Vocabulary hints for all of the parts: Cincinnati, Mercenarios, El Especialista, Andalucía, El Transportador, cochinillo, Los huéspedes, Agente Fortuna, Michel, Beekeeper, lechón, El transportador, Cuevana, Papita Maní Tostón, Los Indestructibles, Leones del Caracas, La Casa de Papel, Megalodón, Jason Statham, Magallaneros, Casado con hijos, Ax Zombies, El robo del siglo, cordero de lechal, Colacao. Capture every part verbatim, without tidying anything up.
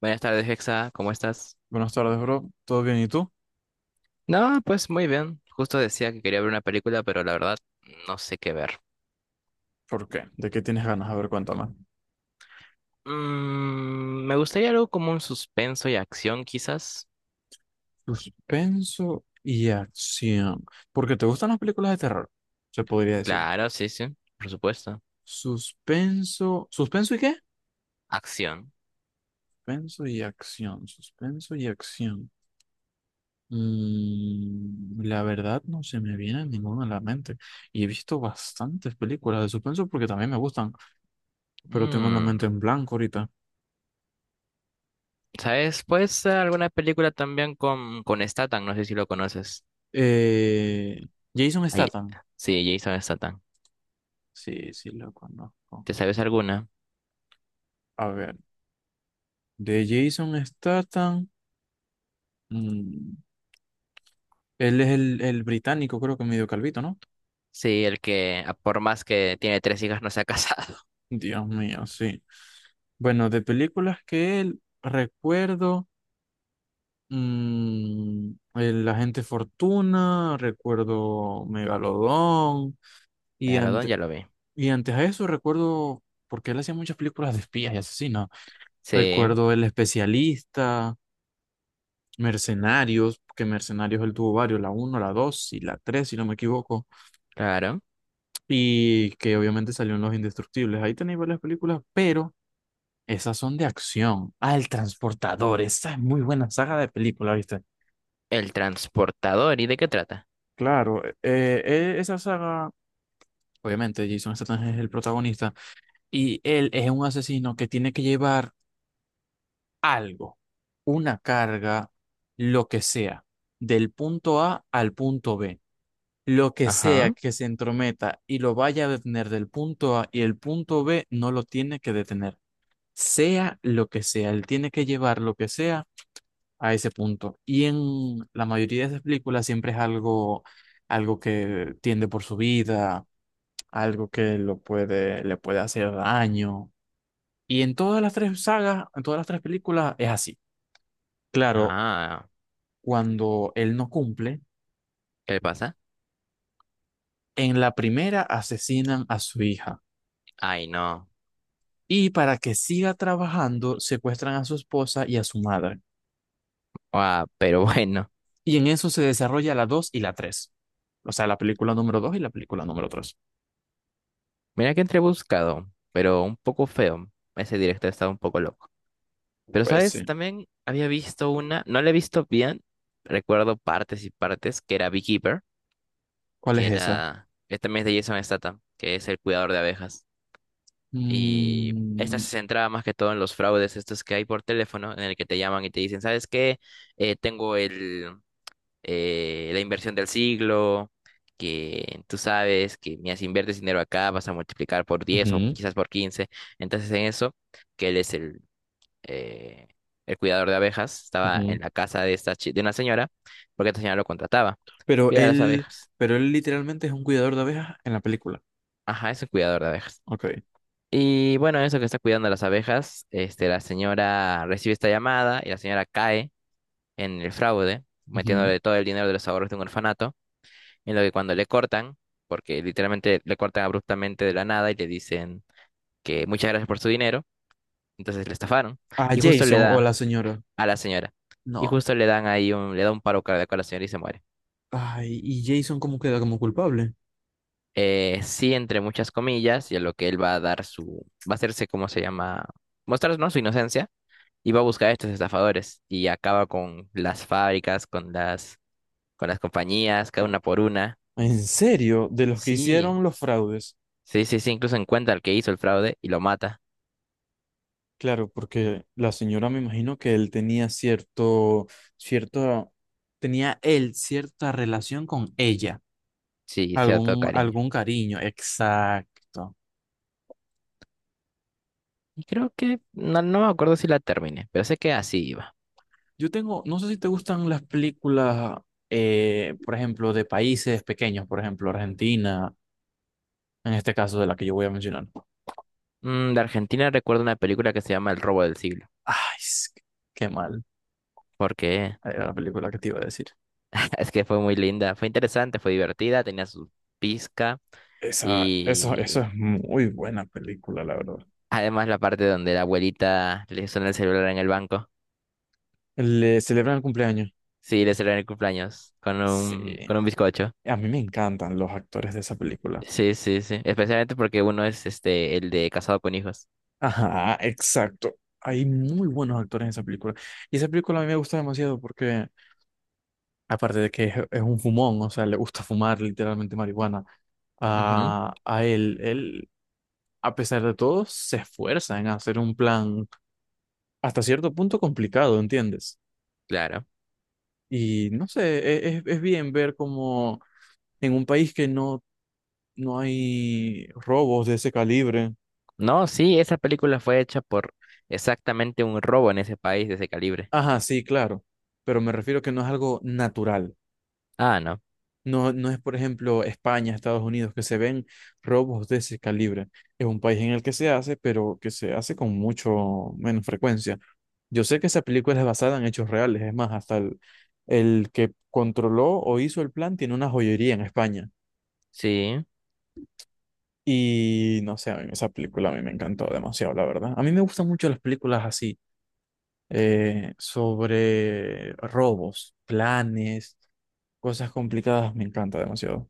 Buenas tardes, Hexa, ¿cómo estás? Buenas tardes, bro. ¿Todo bien? ¿Y tú? No, pues muy bien. Justo decía que quería ver una película, pero la verdad no sé qué ver. ¿Por qué? ¿De qué tienes ganas? A ver, cuéntame. Mm, me gustaría algo como un suspenso y acción, quizás. Suspenso y acción. Porque te gustan las películas de terror, se podría decir. Claro, sí, sí, por supuesto. Suspenso. ¿Suspenso y qué? Acción. Suspenso y acción. Suspenso y acción. Mm, la verdad no se me viene ninguna a la mente. Y he visto bastantes películas de suspenso porque también me gustan, pero tengo la Mm, mente en blanco ahorita. ¿sabes? Pues ser alguna película también con, con Statham, no sé si lo conoces. Eh, Jason Ay, Statham. sí, Jason Statham. Sí, sí, lo conozco. ¿Te sabes alguna? A ver. De Jason Statham. mm, Él es el, el británico, creo que medio calvito, ¿no? Sí, el que a por más que tiene tres hijas no se ha casado. Dios mío, sí. Bueno, de películas que él recuerdo. Mm, el Agente Fortuna, recuerdo Megalodón. Y, Megalodón ante- ya lo vi. y antes a eso recuerdo. Porque él hacía muchas películas de espías y asesinos. Sí, Recuerdo El Especialista, Mercenarios, que Mercenarios él tuvo varios, la uno la dos y la tres si no me equivoco. claro. Y que obviamente salió en Los Indestructibles. Ahí tenéis varias películas, pero esas son de acción. Ah, El Transportador. Esa es muy buena saga de película, ¿viste? El transportador, ¿y de qué trata? Claro, eh, eh, esa saga, obviamente Jason Statham es el protagonista y él es un asesino que tiene que llevar algo, una carga, lo que sea, del punto A al punto B. Lo que sea Ajá. que se entrometa y lo vaya a detener del punto A y el punto B no lo tiene que detener. Sea lo que sea, él tiene que llevar lo que sea a ese punto. Y en la mayoría de esas películas siempre es algo, algo que tiende por su vida, algo que lo puede, le puede hacer daño. Y en todas las tres sagas, en todas las tres películas es así. Claro, Ah, cuando él no cumple, ¿qué le pasa? en la primera asesinan a su hija. Ay, no. Y para que siga trabajando, secuestran a su esposa y a su madre. Ah, pero bueno. Y en eso se desarrolla la dos y la tres. O sea, la película número dos y la película número tres. Mira que entré buscado, pero un poco feo. Ese directo estaba un poco loco. Pero, Pues ¿sabes? sí. También había visto una, no la he visto bien, recuerdo partes y partes, que era Beekeeper. ¿Cuál Que es esa? era... Este mes de Jason Statham, que es el cuidador de abejas. Y esta Mm, se centraba más que todo en los fraudes estos que hay por teléfono, en el que te llaman y te dicen, ¿sabes qué? Eh, tengo el... eh, la inversión del siglo, que tú sabes que mira, si inviertes dinero acá vas a multiplicar por diez o ujú, quizás por quince. Entonces en eso, que él es el, eh, el cuidador de abejas, estaba ujú. en la casa de, esta, chi- de una señora, porque esta señora lo contrataba, Pero cuidar las él, abejas. pero él literalmente es un cuidador de abejas en la película. Ajá, es un cuidador de abejas. Ok. Y bueno, eso que está cuidando las abejas, este, la señora recibe esta llamada y la señora cae en el fraude, Ujú. metiéndole todo el dinero de los ahorros de un orfanato. En lo que cuando le cortan, porque literalmente le cortan abruptamente de la nada y le dicen que muchas gracias por su dinero, entonces le estafaron. ¿A Y justo le Jason o da la señora? a la señora. Y No. justo le dan ahí un, le da un paro cardíaco a la señora y se muere. Ay, ¿y Jason cómo queda como culpable? Eh, sí, entre muchas comillas, y a lo que él va a dar su, va a hacerse, ¿cómo se llama? Mostrar, ¿no? Su inocencia. Y va a buscar a estos estafadores. Y acaba con las fábricas, con las, con las compañías, cada una por una. ¿En serio? De los que Sí, hicieron los fraudes. sí, sí, sí, incluso encuentra al que hizo el fraude y lo mata. Claro, porque la señora me imagino que él tenía cierto, cierto, tenía él cierta relación con ella, Sí, cierto algún, cariño. algún cariño, exacto. Y creo que no, no me acuerdo si la terminé, pero sé que así iba. Yo tengo, no sé si te gustan las películas, eh, por ejemplo, de países pequeños, por ejemplo, Argentina, en este caso de la que yo voy a mencionar. Mm, de Argentina recuerdo una película que se llama El robo del siglo, Ay, es que- qué mal, porque era la película que te iba a decir. es que fue muy linda, fue interesante, fue divertida, tenía su pizca. Esa, eso, eso Y es muy buena película, la verdad. además la parte donde la abuelita le suena el celular en el banco. Le celebran el cumpleaños. Sí, le celebran el cumpleaños con un Sí. con un bizcocho. A mí me encantan los actores de esa película. Sí, sí, sí, especialmente porque uno es este el de casado con hijos. Ajá, exacto. Hay muy buenos actores en esa película. Y esa película a mí me gusta demasiado porque, aparte de que es, es un fumón, o sea, le gusta fumar literalmente marihuana, Ujú, a, a él, él, a pesar de todo, se esfuerza en hacer un plan hasta cierto punto complicado, ¿entiendes? claro. Y no sé, e- es, es bien ver como en un país que no, no hay robos de ese calibre. No, sí, esa película fue hecha por exactamente un robo en ese país de ese calibre. Ajá, sí, claro, pero me refiero que no es algo natural. Ah, no. No, no es, por ejemplo, España, Estados Unidos, que se ven robos de ese calibre. Es un país en el que se hace, pero que se hace con mucho menos frecuencia. Yo sé que esa película es basada en hechos reales. Es más, hasta el, el que controló o hizo el plan tiene una joyería en España. Sí. Y no sé, a mí esa película a mí me encantó demasiado, la verdad. A mí me gustan mucho las películas así, eh, sobre robos, planes, cosas complicadas. Me encanta demasiado.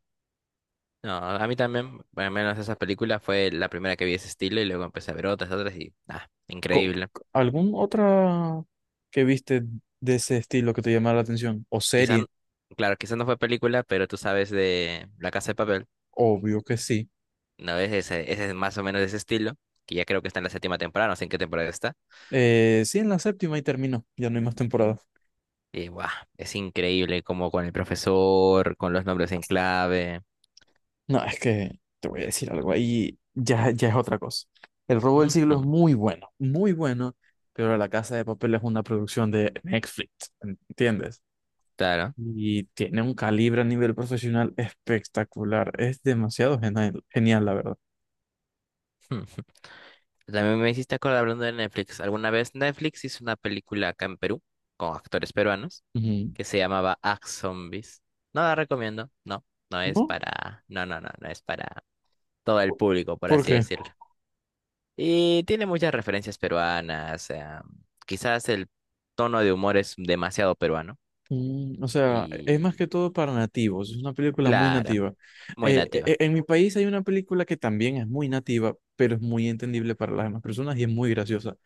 No, a mí también, bueno, al menos esa película fue la primera que vi de ese estilo y luego empecé a ver otras, otras y, ah, Co- increíble. ¿Algún otra que viste de ese estilo que te llamara la atención? ¿O Quizás, serie? claro, quizás no fue película, pero tú sabes de La Casa de Papel, Obvio que sí. ¿no? Es ese, ese es más o menos de ese estilo, que ya creo que está en la séptima temporada, no sé en qué temporada está. Eh, sí, en la séptima y terminó. Ya no hay más temporada. Y, guau, es increíble como con el profesor, con los nombres en clave. No, es que te voy a decir algo ahí. Ya, ya es otra cosa. El robo del siglo Ujú, es muy bueno, muy bueno, pero La Casa de Papel es una producción de Netflix, ¿entiendes? claro. Y tiene un calibre a nivel profesional espectacular. Es demasiado genial, genial, la verdad. También me hiciste acordar hablando de Netflix. ¿Alguna vez Netflix hizo una película acá en Perú con actores peruanos Ujú. que se llamaba Ax Zombies? No la recomiendo, no, no es ¿No? para, no, no, no, no es para todo el ¿Por público, por por así qué? decirlo. Y tiene muchas referencias peruanas, eh, quizás el tono de humor es demasiado peruano Mm, o sea, es más y que todo para nativos, es una película muy claro, nativa. muy Eh, e- e- nativa. En mi país hay una película que también es muy nativa, pero es muy entendible para las demás personas y es muy graciosa.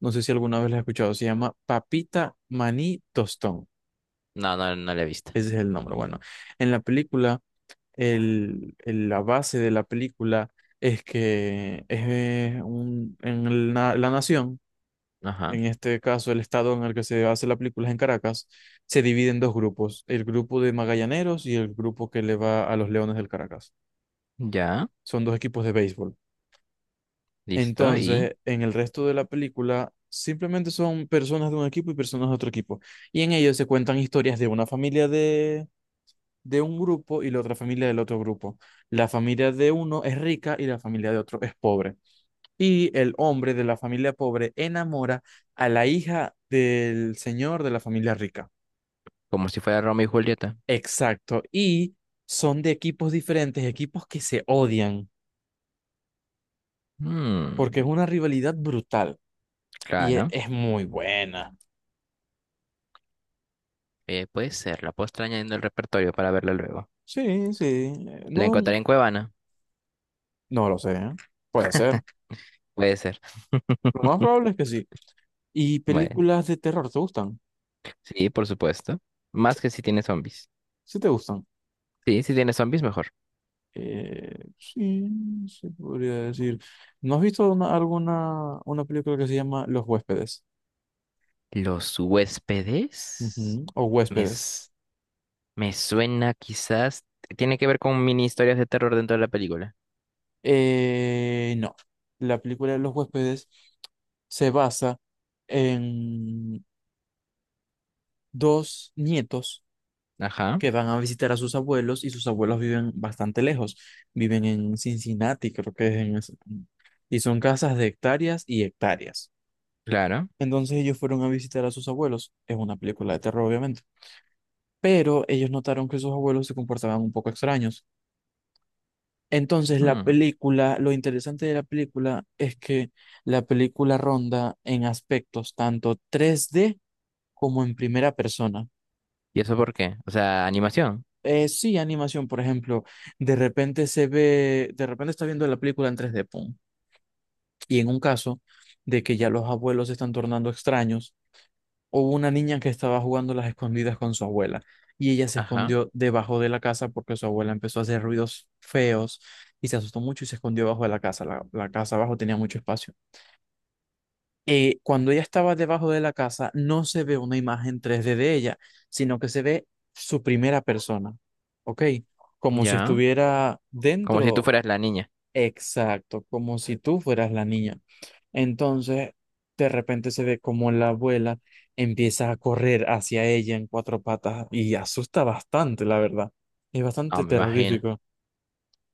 No sé si alguna vez la has escuchado, se llama Papita Maní Tostón, No, no, no la he visto. ese es el nombre. Bueno, en la película, el, el- la base de la película es que es eh, un- en la la nación, Ajá, en este caso el estado en el que se hace la película es en Caracas, se divide en dos grupos, el grupo de Magallaneros y el grupo que le va a los Leones del Caracas. ya, Son dos equipos de béisbol. listo, y Entonces, en el resto de la película, simplemente son personas de un equipo y personas de otro equipo. Y en ellos se cuentan historias de una familia de, de un grupo y la otra familia del otro grupo. La familia de uno es rica y la familia de otro es pobre. Y el hombre de la familia pobre enamora a la hija del señor de la familia rica. como si fuera Romeo y Julieta. Exacto. Y son de equipos diferentes, equipos que se odian, porque Mm, es una rivalidad brutal y e- claro. es, muy buena. Eh, puede ser, la puedo estar añadiendo el repertorio para verla luego. Sí, sí. eh, ¿La No, encontraré en Cuevana? no lo sé. ¿Eh? Puede ser. Puede ser. Lo más probable es que sí. ¿Y Bueno, películas de terror te gustan? sí, por supuesto. Más que si tiene zombies. Sí, te gustan. Sí, si tiene zombies, mejor. Eh, sí, se podría decir. ¿No has visto una- alguna una película que se llama Los huéspedes? Los huéspedes. Ujú. O Me, huéspedes. s- me suena quizás. Tiene que ver con mini historias de terror dentro de la película. Eh, no. La película de los huéspedes se basa en dos nietos Ajá, que van a visitar a sus abuelos y sus abuelos viven bastante lejos. Viven en Cincinnati, creo que es en ese-. Y son casas de hectáreas y hectáreas. claro. Entonces ellos fueron a visitar a sus abuelos. Es una película de terror, obviamente. Pero ellos notaron que sus abuelos se comportaban un poco extraños. Entonces, la Mm, película, lo interesante de la película es que la película ronda en aspectos tanto tres d como en primera persona. ¿Y eso por qué? O sea, animación. Eh, sí, animación, por ejemplo, de repente se ve, de repente está viendo la película en tres d pum. Y en un caso de que ya los abuelos se están tornando extraños, hubo una niña que estaba jugando las escondidas con su abuela y ella se Ajá, escondió debajo de la casa porque su abuela empezó a hacer ruidos feos y se asustó mucho y se escondió bajo de la casa. La, la casa abajo tenía mucho espacio. Eh, cuando ella estaba debajo de la casa, no se ve una imagen tres d de ella, sino que se ve su primera persona, ¿ok? Como si ya. estuviera Como si tú dentro, fueras la niña. exacto, como si tú fueras la niña. Entonces, de repente se ve como la abuela empieza a correr hacia ella en cuatro patas y asusta bastante, la verdad. Es bastante No, me imagino. terrorífico,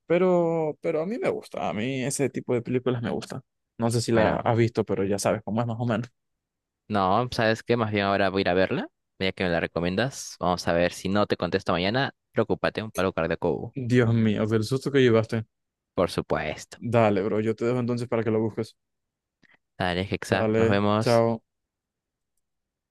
pero, pero, a mí me gusta, a mí ese tipo de películas me gusta. No sé si la Bueno, has visto, pero ya sabes cómo es más o menos. no, ¿sabes qué? Más bien ahora voy a ir a verla, ya que me la recomiendas. Vamos a ver, si no te contesto mañana, preocúpate, un paro cardíaco, hubo. Dios mío, del susto que llevaste. Por supuesto. Dale, bro, yo te dejo entonces para que lo busques. Dale, Hexa, nos Dale, vemos. chao.